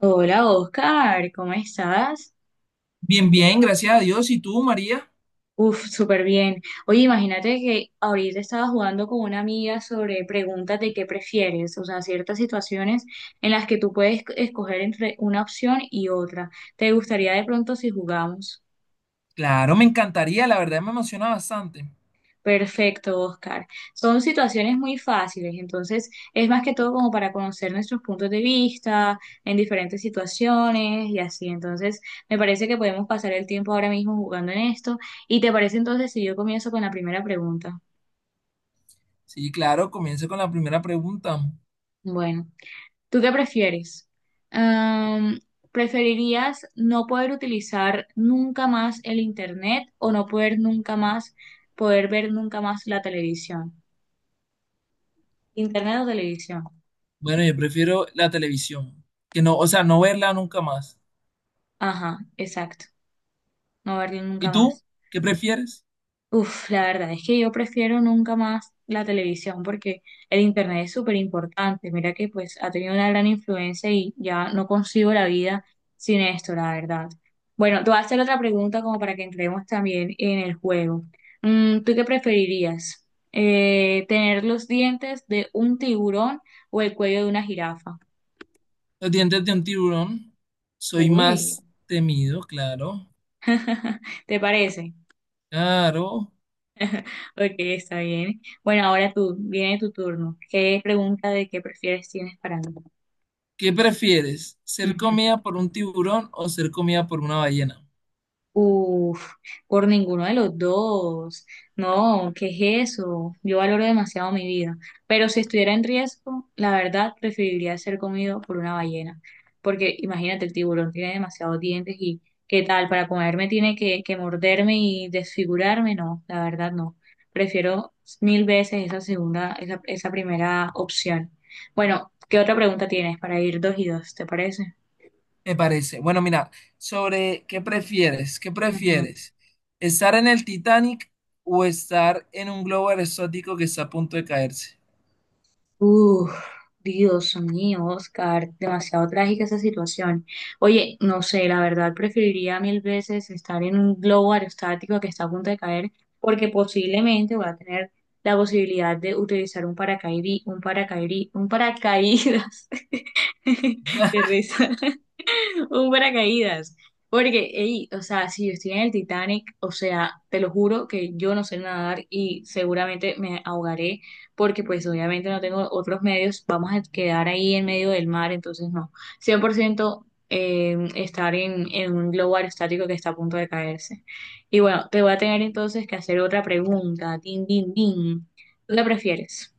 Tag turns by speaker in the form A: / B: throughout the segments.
A: Hola Oscar, ¿cómo estás?
B: Bien,
A: ¿Qué
B: bien,
A: más?
B: gracias a Dios. ¿Y tú, María?
A: Uf, súper bien. Oye, imagínate que ahorita estaba jugando con una amiga sobre preguntas de qué prefieres, o sea, ciertas situaciones en las que tú puedes escoger entre una opción y otra. ¿Te gustaría de pronto si jugamos?
B: Claro, me encantaría, la verdad me emociona bastante.
A: Perfecto, Oscar. Son situaciones muy fáciles, entonces es más que todo como para conocer nuestros puntos de vista en diferentes situaciones y así. Entonces, me parece que podemos pasar el tiempo ahora mismo jugando en esto. ¿Y te parece entonces si yo comienzo con la primera pregunta?
B: Sí, claro, comienza con la primera pregunta.
A: Bueno, ¿tú qué prefieres? Am, ¿Preferirías no poder utilizar nunca más el internet o no poder nunca más, poder ver nunca más la televisión? Internet o televisión.
B: Bueno, yo prefiero la televisión, que no, o sea, no verla nunca más.
A: Ajá, exacto. No verlo
B: ¿Y
A: nunca
B: tú?
A: más.
B: ¿Qué prefieres?
A: Uf, la verdad es que yo prefiero nunca más la televisión porque el internet es súper importante. Mira que pues ha tenido una gran influencia y ya no consigo la vida sin esto, la verdad. Bueno, te voy a hacer otra pregunta como para que entremos también en el juego. ¿Tú qué preferirías? ¿Tener los dientes de un tiburón o el cuello de una jirafa?
B: Los dientes de un tiburón. Soy
A: Uy,
B: más temido, claro.
A: ¿te parece?
B: Claro.
A: Ok, está bien. Bueno, ahora tú, viene tu turno. ¿Qué pregunta de qué prefieres tienes para mí?
B: ¿Qué prefieres? ¿Ser
A: Ujú.
B: comida por un tiburón o ser comida por una ballena?
A: Uf, por ninguno de los dos. No, ¿qué es eso? Yo valoro demasiado mi vida. Pero si estuviera en riesgo, la verdad preferiría ser comido por una ballena. Porque imagínate, el tiburón tiene demasiados dientes y ¿qué tal? Para comerme tiene que morderme y desfigurarme. No, la verdad no. Prefiero mil veces esa primera opción. Bueno, ¿qué otra pregunta tienes para ir dos y dos? ¿Te parece?
B: Me parece. Bueno, mira, sobre qué prefieres, ¿qué prefieres? ¿Estar en el Titanic o estar en un globo aerostático que está a punto de caerse?
A: Uf, Dios mío, Oscar, demasiado trágica esa situación. Oye, no sé, la verdad preferiría mil veces estar en un globo aerostático que está a punto de caer, porque posiblemente voy a tener la posibilidad de utilizar un paracaídas. Qué risa. Un paracaídas. Porque, ey, o sea, si yo estoy en el Titanic, o sea, te lo juro que yo no sé nadar y seguramente me ahogaré porque pues obviamente no tengo otros medios, vamos a quedar ahí en medio del mar, entonces no. 100% estar en un globo aerostático que está a punto de caerse. Y bueno, te voy a tener entonces que hacer otra pregunta. Din, din, din. ¿Tú qué prefieres?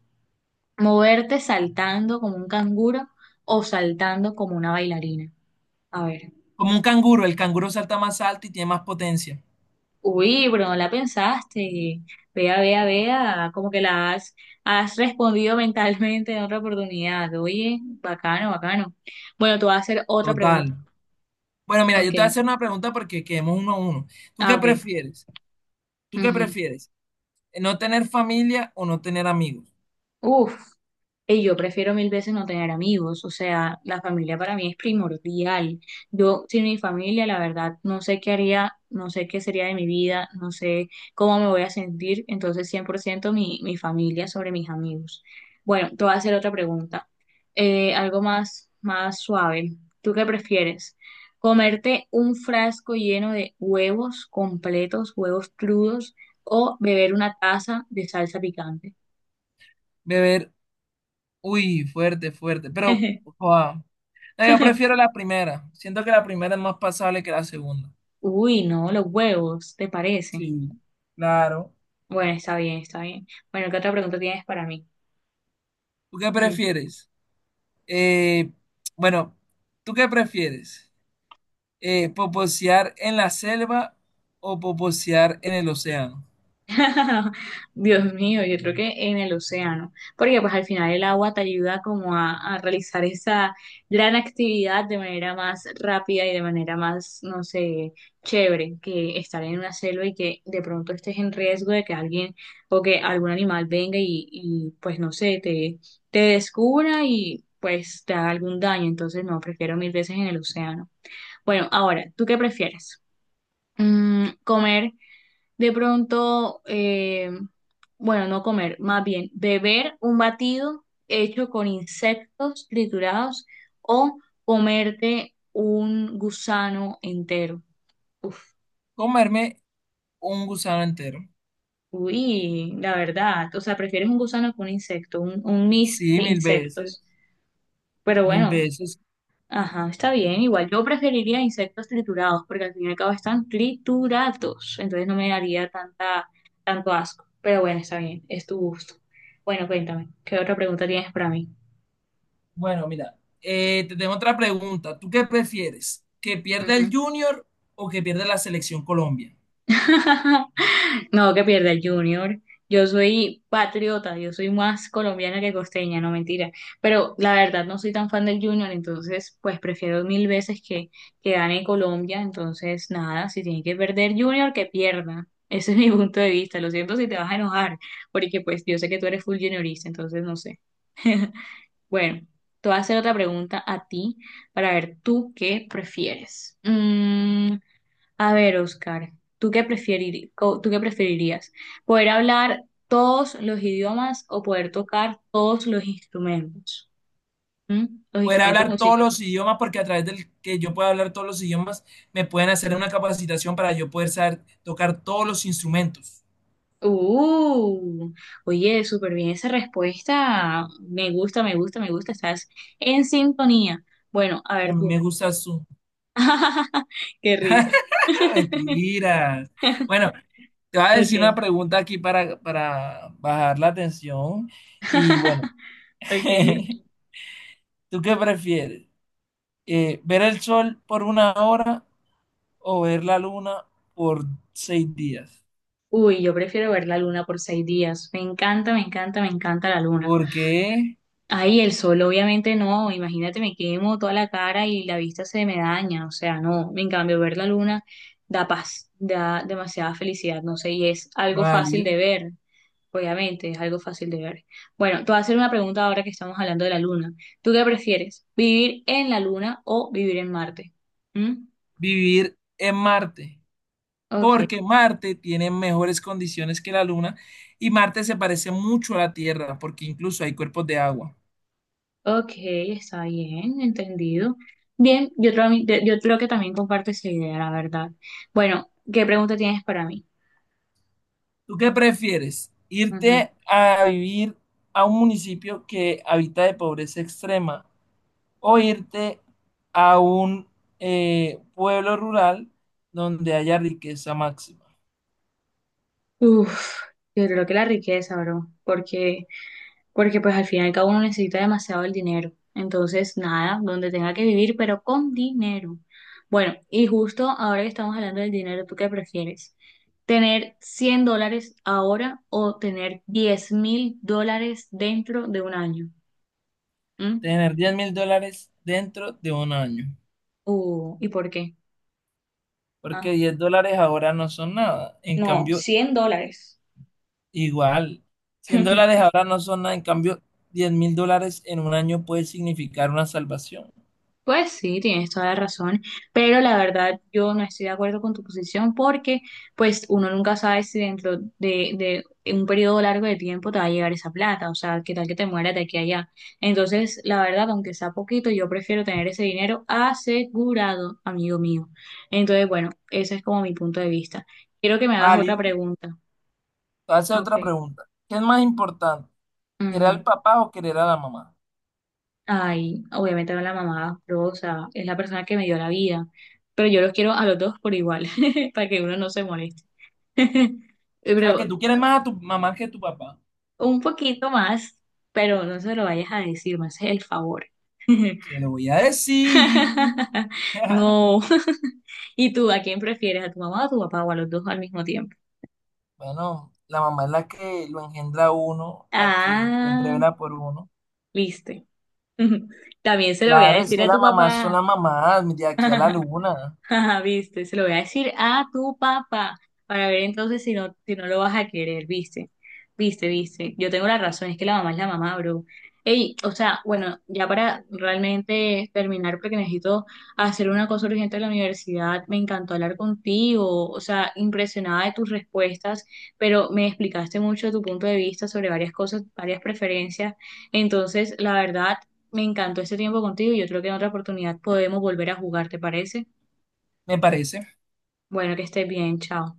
A: ¿Moverte saltando como un canguro o saltando como una bailarina? A ver.
B: Como un canguro, el canguro salta más alto y tiene más potencia.
A: Uy, pero no la pensaste. Vea, vea, vea, como que la has respondido mentalmente en otra oportunidad. Oye, bacano, bacano. Bueno, te voy a hacer otra pregunta.
B: Total. Bueno, mira, yo te voy a
A: Ok.
B: hacer una pregunta porque quedemos uno a uno. ¿Tú
A: Ah,
B: qué
A: ok.
B: prefieres? ¿Tú qué
A: Ujú.
B: prefieres? ¿No tener familia o no tener amigos?
A: Uf, y yo prefiero mil veces no tener amigos, o sea, la familia para mí es primordial. Yo sin mi familia, la verdad, no sé qué haría, no sé qué sería de mi vida, no sé cómo me voy a sentir, entonces 100% mi familia sobre mis amigos. Bueno, te voy a hacer otra pregunta, algo más, más suave. ¿Tú qué prefieres? ¿Comerte un frasco lleno de huevos completos, huevos crudos, o beber una taza de salsa picante?
B: Beber, uy, fuerte, fuerte, pero... wow. No, yo prefiero la primera. Siento que la primera es más pasable que la segunda.
A: Uy, no, los huevos, ¿te parece?
B: Sí, claro.
A: Bueno, está bien, está bien. Bueno, ¿qué otra pregunta tienes para mí?
B: ¿Tú qué
A: Mm.
B: prefieres? Eh, bueno, ¿tú qué prefieres? ¿Poposear en la selva o poposear en el océano?
A: Dios mío, yo creo que en el océano, porque pues al final el agua te ayuda como a realizar esa gran actividad de manera más rápida y de manera más, no sé, chévere que estar en una selva y que de pronto estés en riesgo de que alguien o que algún animal venga y pues no sé, te descubra y pues te haga algún daño. Entonces no, prefiero mil veces en el océano. Bueno, ahora, ¿tú qué prefieres? Mm, comer de pronto, bueno, no comer, más bien beber un batido hecho con insectos triturados o comerte un gusano entero. Uf,
B: Comerme un gusano entero.
A: uy, la verdad, o sea, prefieres un gusano que un insecto, un mix
B: Sí,
A: de
B: mil veces,
A: insectos. Pero
B: mil
A: bueno,
B: veces.
A: ajá, está bien. Igual yo preferiría insectos triturados, porque al fin y al cabo están triturados. Entonces no me daría tanta, tanto asco. Pero bueno, está bien, es tu gusto. Bueno, cuéntame, ¿qué otra pregunta tienes para mí?
B: Bueno, mira, te tengo otra pregunta. ¿Tú qué prefieres? ¿Que pierda el Junior o que pierda la selección Colombia?
A: No, que pierda el Junior. Yo soy patriota, yo soy más colombiana que costeña, no mentira. Pero la verdad no soy tan fan del Junior, entonces pues prefiero mil veces que gane Colombia. Entonces nada, si tiene que perder Junior, que pierda. Ese es mi punto de vista. Lo siento si te vas a enojar, porque pues yo sé que tú eres full juniorista, entonces no sé. Bueno, te voy a hacer otra pregunta a ti para ver tú qué prefieres. Mm, a ver, Oscar, ¿tú qué preferirías? ¿Poder hablar todos los idiomas o poder tocar todos los instrumentos? ¿Mm? Los
B: Poder
A: instrumentos
B: hablar todos
A: musicales.
B: los idiomas, porque a través del que yo pueda hablar todos los idiomas, me pueden hacer una capacitación para yo poder saber tocar todos los instrumentos.
A: Uh, oye, súper bien esa respuesta. Me gusta, me gusta, me gusta. Estás en sintonía. Bueno, a
B: Y a
A: ver
B: mí me
A: tú.
B: gusta su...
A: Qué risa.
B: ¡Ah, mentiras! Bueno, te voy a decir una
A: Ok,
B: pregunta aquí para bajar la tensión. Y bueno,
A: ok.
B: ¿tú qué prefieres? ¿Ver el sol por una hora o ver la luna por 6 días?
A: Uy, yo prefiero ver la luna por 6 días. Me encanta, me encanta, me encanta la luna.
B: Porque es
A: Ahí el sol, obviamente no, imagínate, me quemo toda la cara y la vista se me daña, o sea, no, en cambio, ver la luna da paz, da demasiada felicidad, no sé, y es algo fácil de
B: válido
A: ver, obviamente, es algo fácil de ver. Bueno, te voy a hacer una pregunta ahora que estamos hablando de la luna. ¿Tú qué prefieres, vivir en la luna o vivir en Marte? ¿Mm?
B: vivir en Marte,
A: Ok,
B: porque Marte tiene mejores condiciones que la Luna y Marte se parece mucho a la Tierra porque incluso hay cuerpos de agua.
A: ok, está bien, entendido. Bien, yo creo que también comparto esa idea, la verdad. Bueno, ¿qué pregunta tienes para mí?
B: ¿Tú qué prefieres? ¿Irte a vivir a un municipio que habita de pobreza extrema o irte a un pueblo rural donde haya riqueza máxima?
A: Uf, yo creo que la riqueza, bro, porque, porque pues al final cada uno necesita demasiado el dinero. Entonces, nada, donde tenga que vivir, pero con dinero. Bueno, y justo ahora que estamos hablando del dinero, ¿tú qué prefieres? ¿Tener $100 ahora o tener $10,000 dentro de un año? ¿Mm?
B: Tener 10.000 dólares dentro de un año,
A: ¿Y por qué? Ah,
B: porque 10 dólares ahora no son nada. En
A: no,
B: cambio,
A: $100.
B: igual, 100 dólares ahora no son nada, en cambio, 10.000 dólares en un año puede significar una salvación.
A: Pues sí, tienes toda la razón, pero la verdad yo no estoy de acuerdo con tu posición porque pues uno nunca sabe si dentro de un periodo largo de tiempo te va a llegar esa plata, o sea, qué tal que te mueras de aquí a allá. Entonces, la verdad, aunque sea poquito, yo prefiero tener ese dinero asegurado, amigo mío. Entonces, bueno, ese es como mi punto de vista. Quiero que me hagas otra
B: Válido.
A: pregunta.
B: Te voy a hacer
A: Ok.
B: otra pregunta. ¿Qué es más importante? ¿Querer al
A: Ujú.
B: papá o querer a la mamá?
A: Ay, obviamente no la mamá Rosa, es la persona que me dio la vida, pero yo los quiero a los dos por igual, para que uno no se moleste.
B: O sea, que
A: Pero
B: tú quieres más a tu mamá que a tu papá.
A: un poquito más, pero no se lo vayas a decir, me haces el favor.
B: Se lo voy a decir.
A: No. ¿Y tú a quién prefieres, a tu mamá o a tu papá o a los dos al mismo tiempo?
B: Bueno, la mamá es la que lo engendra a uno, la que siempre
A: Ah,
B: vela por uno.
A: viste. También se lo voy a
B: Claro, es
A: decir
B: que
A: a
B: las
A: tu
B: mamás son
A: papá.
B: las mamás de aquí a la luna.
A: Ajá, viste, se lo voy a decir a tu papá para ver entonces si no lo vas a querer, viste, viste, viste. Yo tengo la razón, es que la mamá es la mamá, bro. Ey, o sea, bueno, ya para realmente terminar, porque necesito hacer una cosa urgente en la universidad, me encantó hablar contigo, o sea, impresionada de tus respuestas, pero me explicaste mucho de tu punto de vista sobre varias cosas, varias preferencias. Entonces, la verdad, me encantó este tiempo contigo y yo creo que en otra oportunidad podemos volver a jugar, ¿te parece?
B: Me parece
A: Bueno, que estés bien, chao.